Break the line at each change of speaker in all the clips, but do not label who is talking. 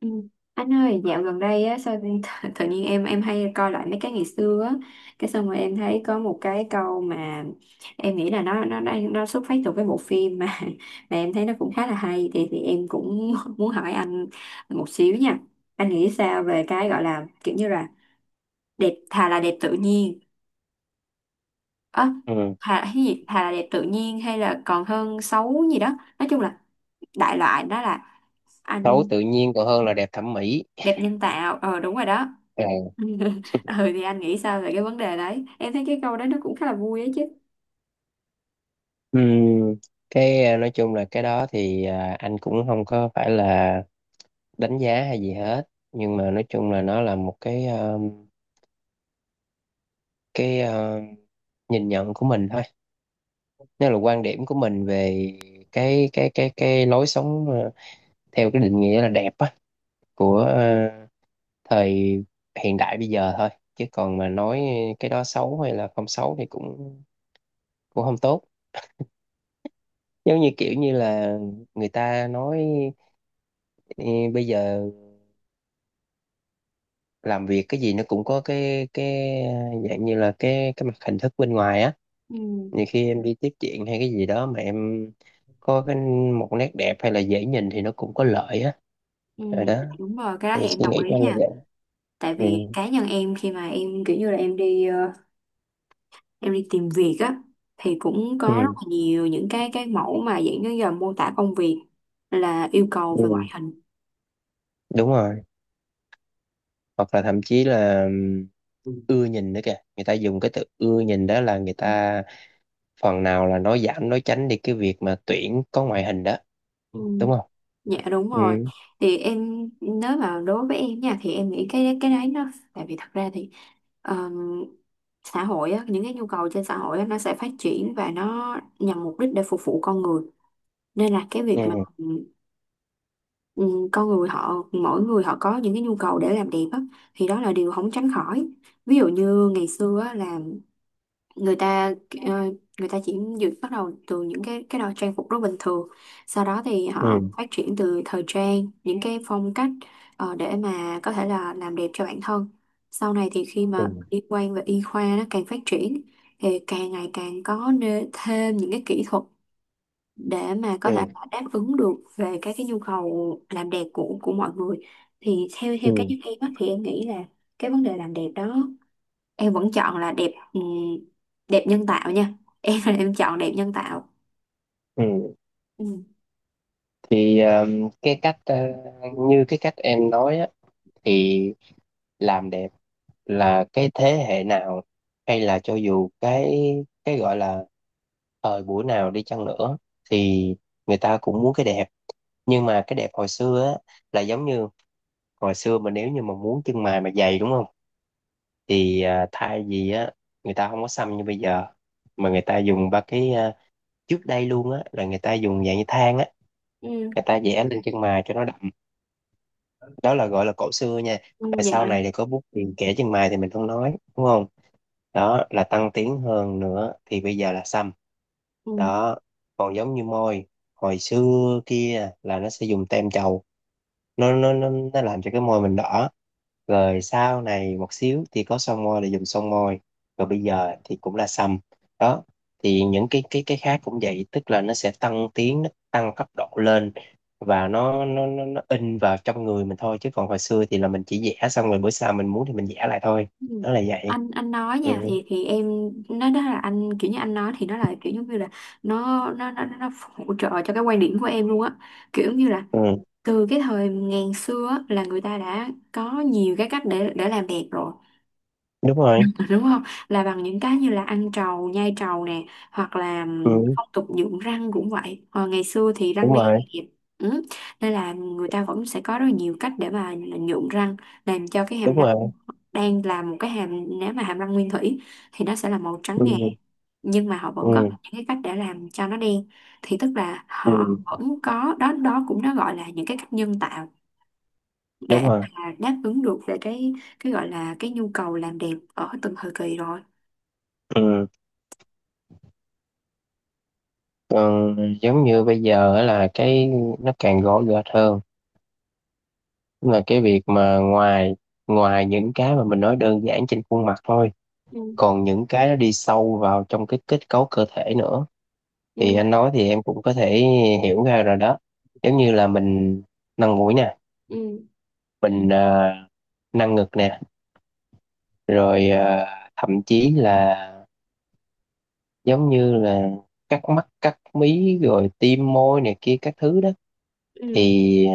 Ừ. Anh ơi, dạo gần đây á, sao tự, tự nhiên em hay coi lại mấy cái ngày xưa á, cái xong rồi em thấy có một cái câu mà em nghĩ là nó xuất phát từ cái bộ phim mà mà em thấy nó cũng khá là hay thì em cũng muốn hỏi anh một xíu nha. Anh nghĩ sao về cái gọi là kiểu như là đẹp thà là đẹp tự nhiên. Ơ
Ừ.
thà cái gì? Thà là đẹp tự nhiên hay là còn hơn xấu gì đó. Nói chung là đại loại đó là
Xấu
anh
tự nhiên còn hơn là đẹp thẩm mỹ.
đẹp nhân tạo. Ờ đúng rồi đó.
Ờ.
Ừ thì anh nghĩ sao về cái vấn đề đấy, em thấy cái câu đấy nó cũng khá là vui ấy chứ.
Ừ. Nói chung là cái đó thì anh cũng không có phải là đánh giá hay gì hết, nhưng mà nói chung là nó là một cái nhìn nhận của mình thôi, nó là quan điểm của mình về cái lối sống, theo cái định nghĩa là đẹp á của thời hiện đại bây giờ thôi, chứ còn mà nói cái đó xấu hay là không xấu thì cũng cũng không tốt. Giống như kiểu như là người ta nói: Ê, bây giờ làm việc cái gì nó cũng có cái dạng như là cái mặt hình thức bên ngoài á.
Ừ.
Nhiều khi em đi tiếp chuyện hay cái gì đó mà em có cái một nét đẹp hay là dễ nhìn thì nó cũng có lợi á.
Ừ,
Rồi đó,
đúng rồi, cái đó
thì
thì em
suy
đồng
nghĩ của
ý
anh là
nha.
vậy.
Tại
Ừ,
vì cá nhân em khi mà em kiểu như là em đi em đi tìm việc á, thì cũng có rất
ừ,
là nhiều những cái mẫu mà dạng như là mô tả công việc là yêu cầu về ngoại
ừ.
hình.
Đúng rồi, hoặc là thậm chí là
Ừ.
ưa nhìn nữa kìa, người ta dùng cái từ ưa nhìn đó là người ta phần nào là nói giảm nói tránh đi cái việc mà tuyển có ngoại hình đó,
Ừ.
đúng không?
Dạ đúng
Ừ,
rồi. Thì em, nếu mà đối với em nha, thì em nghĩ cái đấy nó tại vì thật ra thì ờm, xã hội á, những cái nhu cầu trên xã hội á, nó sẽ phát triển và nó nhằm mục đích để phục vụ con người, nên là cái việc mà
ừ,
con người họ, mỗi người họ có những cái nhu cầu để làm đẹp á, thì đó là điều không tránh khỏi. Ví dụ như ngày xưa á, là người ta ờ, người ta chỉ dự bắt đầu từ những cái đồ trang phục rất bình thường, sau đó thì họ
ừ,
phát triển từ thời trang những cái phong cách để mà có thể là làm đẹp cho bản thân. Sau này thì khi mà
ừ,
liên quan về y khoa nó càng phát triển thì càng ngày càng có thêm những cái kỹ thuật để mà có
ừ,
thể đáp ứng được về các cái nhu cầu làm đẹp của mọi người. Thì theo theo cá
ừ.
nhân em á, thì em nghĩ là cái vấn đề làm đẹp đó, em vẫn chọn là đẹp, đẹp nhân tạo nha. Em em chọn đẹp nhân tạo.
Ừ.
Ừ.
Thì cái cách, như cái cách em nói á, thì làm đẹp là cái thế hệ nào hay là cho dù cái gọi là thời buổi nào đi chăng nữa, thì người ta cũng muốn cái đẹp. Nhưng mà cái đẹp hồi xưa á là giống như hồi xưa mà nếu như mà muốn chân mày mà dày, đúng không, thì thay vì á người ta không có xăm như bây giờ, mà người ta dùng ba trước đây luôn á là người ta dùng dạng như than á,
Ừ.
người ta vẽ lên chân mày cho nó, đó là gọi là cổ xưa nha.
Ừ,
Và sau
dạ.
này thì có bút tiền kẻ chân mày thì mình không nói, đúng không, đó là tăng tiến hơn. Nữa thì bây giờ là xăm.
Ừ.
Đó. Còn giống như môi, hồi xưa kia là nó sẽ dùng tem chầu, nó làm cho cái môi mình đỏ, rồi sau này một xíu thì có son môi là dùng son môi, rồi bây giờ thì cũng là sâm. Đó. Thì những cái cái khác cũng vậy, tức là nó sẽ tăng tiến, nó tăng cấp độ lên, và nó in vào trong người mình thôi, chứ còn hồi xưa thì là mình chỉ vẽ xong rồi bữa sau mình muốn thì mình vẽ lại thôi.
Ừ.
Đó là vậy.
Anh nói
Ừ,
nha thì em nó đó là anh kiểu như anh nói thì nó là kiểu giống như là nó hỗ trợ cho cái quan điểm của em luôn á, kiểu như là
ừ,
từ cái thời ngàn xưa á, là người ta đã có nhiều cái cách để làm đẹp rồi.
đúng
Ờ,
rồi,
đúng không, là bằng những cái như là ăn trầu nhai trầu nè, hoặc là
ừ,
phong tục nhuộm răng cũng vậy, hồi ngày xưa thì răng
đúng
đen
rồi,
đẹp. Ừ. Nên là người ta vẫn sẽ có rất là nhiều cách để mà nhuộm răng, làm cho cái hàm
đúng
răng
rồi,
đen, là một cái hàm, nếu mà hàm răng nguyên thủy thì nó sẽ là màu trắng ngà,
ừ,
nhưng mà họ vẫn có
ừ,
những cái cách để làm cho nó đen. Thì tức là họ
ừ.
vẫn có đó, đó cũng nó gọi là những cái cách nhân tạo để
Đúng rồi,
mà đáp ứng được về cái gọi là cái nhu cầu làm đẹp ở từng thời kỳ rồi.
ừ. Còn giống như bây giờ á là cái nó càng gõ gệt hơn. Tức là cái việc mà ngoài ngoài những cái mà mình nói đơn giản trên khuôn mặt thôi,
Ừ.
còn những cái nó đi sâu vào trong cái kết cấu cơ thể nữa, thì
Ừ.
anh nói thì em cũng có thể hiểu ra rồi đó. Giống như là mình nâng mũi nè,
Ừ.
mình ờ, nâng ngực nè, rồi thậm chí là giống như là cắt mắt cắt mí rồi tiêm môi này kia các thứ đó,
Ừ,
thì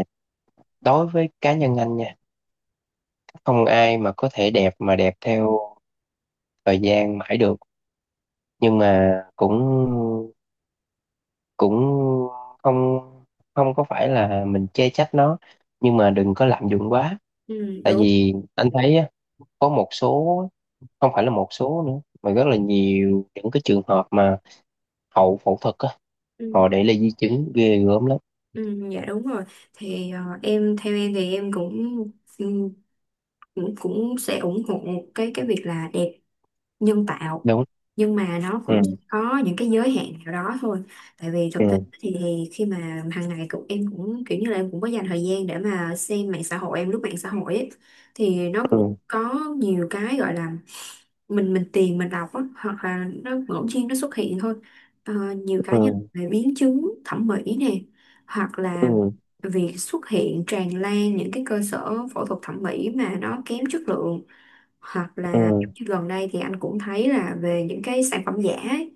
đối với cá nhân anh nha, không ai mà có thể đẹp mà đẹp theo thời gian mãi được. Nhưng mà cũng cũng không không có phải là mình chê trách nó, nhưng mà đừng có lạm dụng quá.
ừ,
Tại
đúng.
vì anh thấy á, có một số, không phải là một số nữa mà rất là nhiều những cái trường hợp mà hậu phẫu thuật á,
Ừ,
họ để lại di chứng ghê gớm lắm.
ừ, dạ đúng rồi. Thì em theo em thì em cũng ừ, cũng cũng sẽ ủng hộ cái việc là đẹp nhân tạo,
Đúng.
nhưng mà nó cũng
Ừ,
có những cái giới hạn nào đó thôi. Tại vì thực tế
ừ,
thì khi mà hàng ngày cũng em cũng kiểu như là em cũng có dành thời gian để mà xem mạng xã hội, em lướt mạng xã hội ấy, thì nó cũng
ừ,
có nhiều cái gọi là mình tìm mình đọc á, hoặc là nó ngẫu nhiên nó xuất hiện thôi. Ờ, nhiều cá
ừ,
nhân về biến chứng thẩm mỹ nè, hoặc là
ừ,
việc xuất hiện tràn lan những cái cơ sở phẫu thuật thẩm mỹ mà nó kém chất lượng, hoặc
ừ,
là giống như gần đây thì anh cũng thấy là về những cái sản phẩm giả ấy.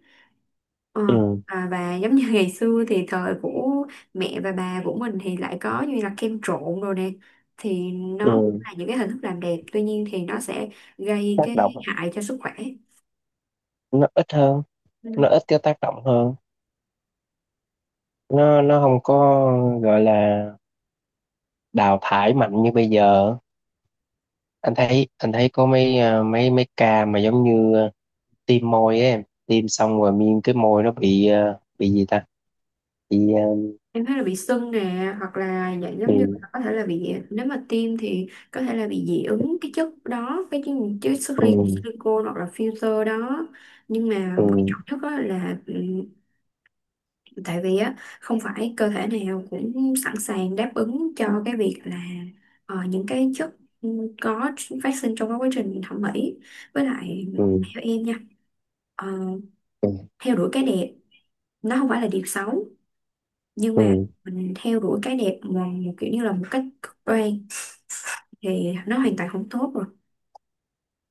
Ờ,
ừ,
à, và giống như ngày xưa thì thời của mẹ và bà của mình thì lại có như là kem trộn rồi nè, thì nó
ừ.
là những cái hình thức làm đẹp, tuy nhiên thì nó sẽ gây
Tác
cái
động
hại cho sức khỏe.
nó ít hơn, nó
Ừ.
ít cái tác động hơn, nó không có gọi là đào thải mạnh như bây giờ. Anh thấy anh thấy có mấy mấy mấy ca mà giống như tiêm môi ấy, em tiêm xong rồi miên cái môi nó bị bị gì ta, bị
Em thấy là bị sưng nè, hoặc là dạng giống
bị.
như là có thể là bị, nếu mà tiêm thì có thể là bị dị ứng cái chất đó, cái chất, chất
Ừ, ừ,
silicone hoặc là filter đó. Nhưng mà
ừ,
quan trọng nhất á là tại vì á không phải cơ thể nào cũng sẵn sàng đáp ứng cho cái việc là những cái chất ừ, có phát sinh trong cái quá trình thẩm mỹ. Với lại
ừ,
theo em nha, ờ,
ừ,
theo đuổi cái đẹp nó không phải là điều xấu, nhưng mà
ừ,
mình theo đuổi cái đẹp mà một kiểu như là một cách cực đoan thì nó hoàn toàn không tốt rồi.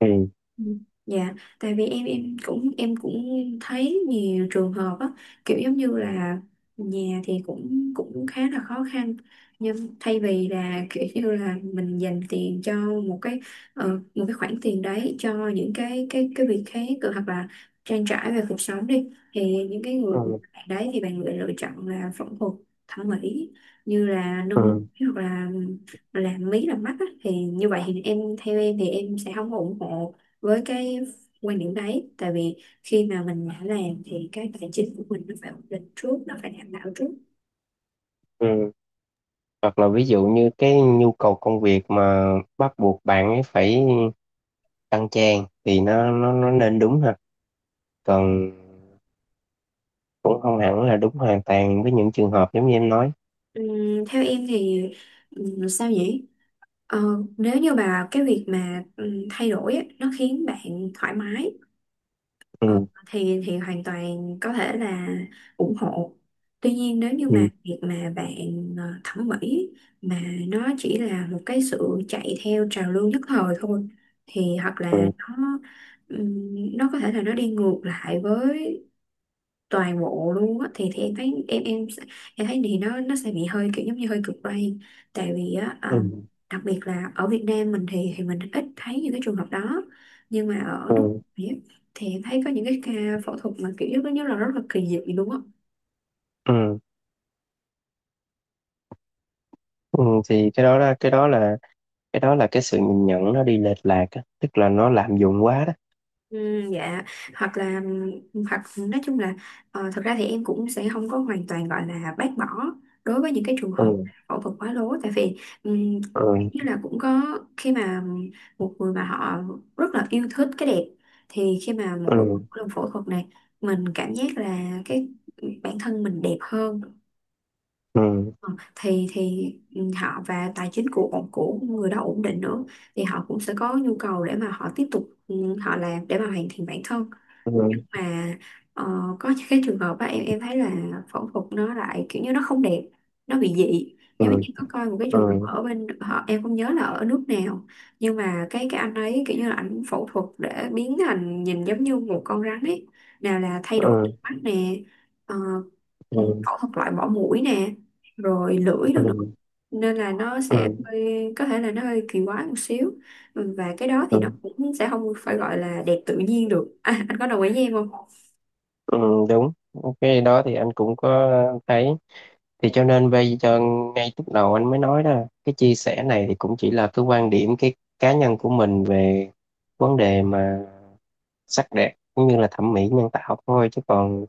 ừ,
Ừ. Dạ, tại vì em cũng em cũng thấy nhiều trường hợp á, kiểu giống như là nhà thì cũng cũng khá là khó khăn, nhưng thay vì là kiểu như là mình dành tiền cho một cái ờ, một cái khoản tiền đấy cho những cái việc khác hoặc là trang trải về cuộc sống đi, thì những cái người
ừ,
bạn đấy thì bạn lại lựa chọn là phẫu thuật thẩm mỹ, như là nâng, hoặc là làm mí làm mắt á, thì như vậy thì em, theo em thì em sẽ không ủng hộ với cái quan điểm đấy. Tại vì khi mà mình đã làm thì cái tài chính của mình nó phải ổn định trước, nó phải đảm bảo trước.
ừ. Hoặc là ví dụ như cái nhu cầu công việc mà bắt buộc bạn ấy phải tăng trang thì nó nên, đúng ha. Còn cũng không hẳn là đúng hoàn toàn với những trường hợp giống như em nói.
Theo em thì sao nhỉ. Ờ, nếu như bà cái việc mà thay đổi á, nó khiến bạn thoải mái, Ờ,
Ừ,
thì hoàn toàn có thể là ủng hộ. Tuy nhiên nếu như mà
ừ,
việc mà bạn thẩm mỹ mà nó chỉ là một cái sự chạy theo trào lưu nhất thời thôi, thì hoặc là
ừ,
nó có thể là nó đi ngược lại với toàn bộ luôn á, thì em thấy, em thấy thì nó sẽ bị hơi kiểu giống như hơi cực đoan. Tại vì á à,
ừ,
đặc biệt là ở Việt Nam mình thì mình ít thấy những cái trường hợp đó, nhưng mà ở nước
ừ,
ngoài á, thì em thấy có những cái ca phẫu thuật mà kiểu giống như là rất là kỳ dị luôn á.
ừ, ừ. Thì cái đó là cái sự nhìn nhận nó đi lệch lạc á, tức là nó lạm dụng quá đó.
Ừ, dạ. Hoặc là, hoặc nói chung là thật ra thì em cũng sẽ không có hoàn toàn gọi là bác bỏ đối với những cái trường hợp
Ừ,
phẫu thuật quá lố. Tại vì ừm, như
ừ,
là cũng có khi mà một người mà họ rất là yêu thích cái đẹp, thì khi mà
ừ,
mỗi lần phẫu thuật này mình cảm giác là cái bản thân mình đẹp hơn.
ừ,
Ờ, thì họ và tài chính của người đó ổn định nữa, thì họ cũng sẽ có nhu cầu để mà họ tiếp tục, ừ, họ làm để mà hoàn thiện bản thân.
ừ,
Mà ờ, có những cái trường hợp á em thấy là phẫu thuật nó lại kiểu như nó không đẹp, nó bị dị,
ừ,
giống như em có coi một cái
ừ,
trường hợp ở bên họ, em không nhớ là ở nước nào, nhưng mà cái anh ấy kiểu như là anh phẫu thuật để biến thành nhìn giống như một con rắn ấy. Nào là thay đổi
ừ,
mắt nè, ờ, ừ,
ừ,
phẫu thuật loại bỏ mũi nè, rồi lưỡi
ừ,
rồi nữa, nên là nó
ừ,
sẽ hơi, có thể là nó hơi kỳ quái một xíu. Ừ, và cái đó thì nó
ừ,
cũng sẽ không phải gọi là đẹp tự nhiên được. À, anh có đồng ý với em không?
ừ, đúng. Cái đó thì anh cũng có thấy. Thì cho nên bây giờ, ngay lúc đầu anh mới nói đó, cái chia sẻ này thì cũng chỉ là cái quan điểm cái cá nhân của mình về vấn đề mà sắc đẹp cũng như là thẩm mỹ nhân tạo thôi, chứ còn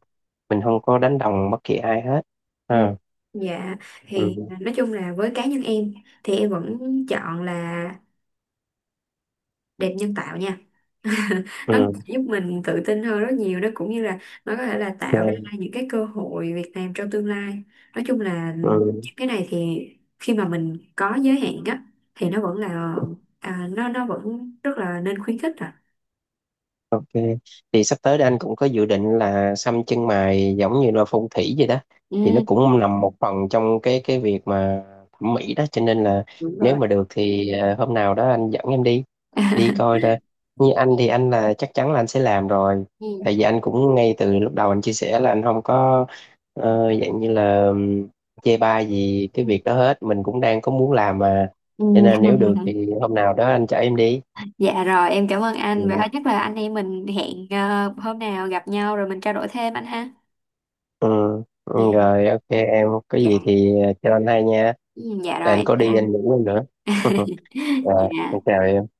mình không có đánh đồng bất kỳ ai hết,
Ừ.
ha.
Dạ thì
Ừ,
nói chung là với cá nhân em thì em vẫn chọn là đẹp nhân tạo nha. Nó
ừ,
giúp mình tự tin hơn rất nhiều, nó cũng như là nó có thể là tạo ra
ok,
những cái cơ hội việc làm trong tương lai. Nói chung là
ừ.
những cái này thì khi mà mình có giới hạn á thì nó vẫn là à, nó vẫn rất là nên khuyến khích à.
Thì sắp tới đây anh cũng có dự định là xăm chân mày giống như là phong thủy vậy đó, thì nó
Ừ,
cũng nằm một phần trong cái việc mà thẩm mỹ đó, cho nên là
đúng
nếu
rồi.
mà được thì hôm nào đó anh dẫn em đi, đi coi ra. Như anh thì anh là chắc chắn là anh sẽ làm rồi,
Ừ.
tại vì anh cũng ngay từ lúc đầu anh chia sẻ là anh không có dạng như là chê bai gì cái việc đó hết, mình cũng đang có muốn làm mà.
Ừ.
Cho nên là nếu được thì hôm nào đó anh chở em đi.
Dạ rồi, em cảm ơn anh. Vậy
Ừ.
thôi chắc là anh em mình hẹn hôm nào gặp nhau rồi mình trao đổi thêm anh ha.
Ừ, ừ,
Dạ,
rồi ok, em có
dạ.
gì thì cho anh hay nha.
Ừ, dạ
Để
rồi,
anh
em
có
chào
đi
anh.
anh ngủ luôn nữa. Rồi, anh
Dạ.
chào em.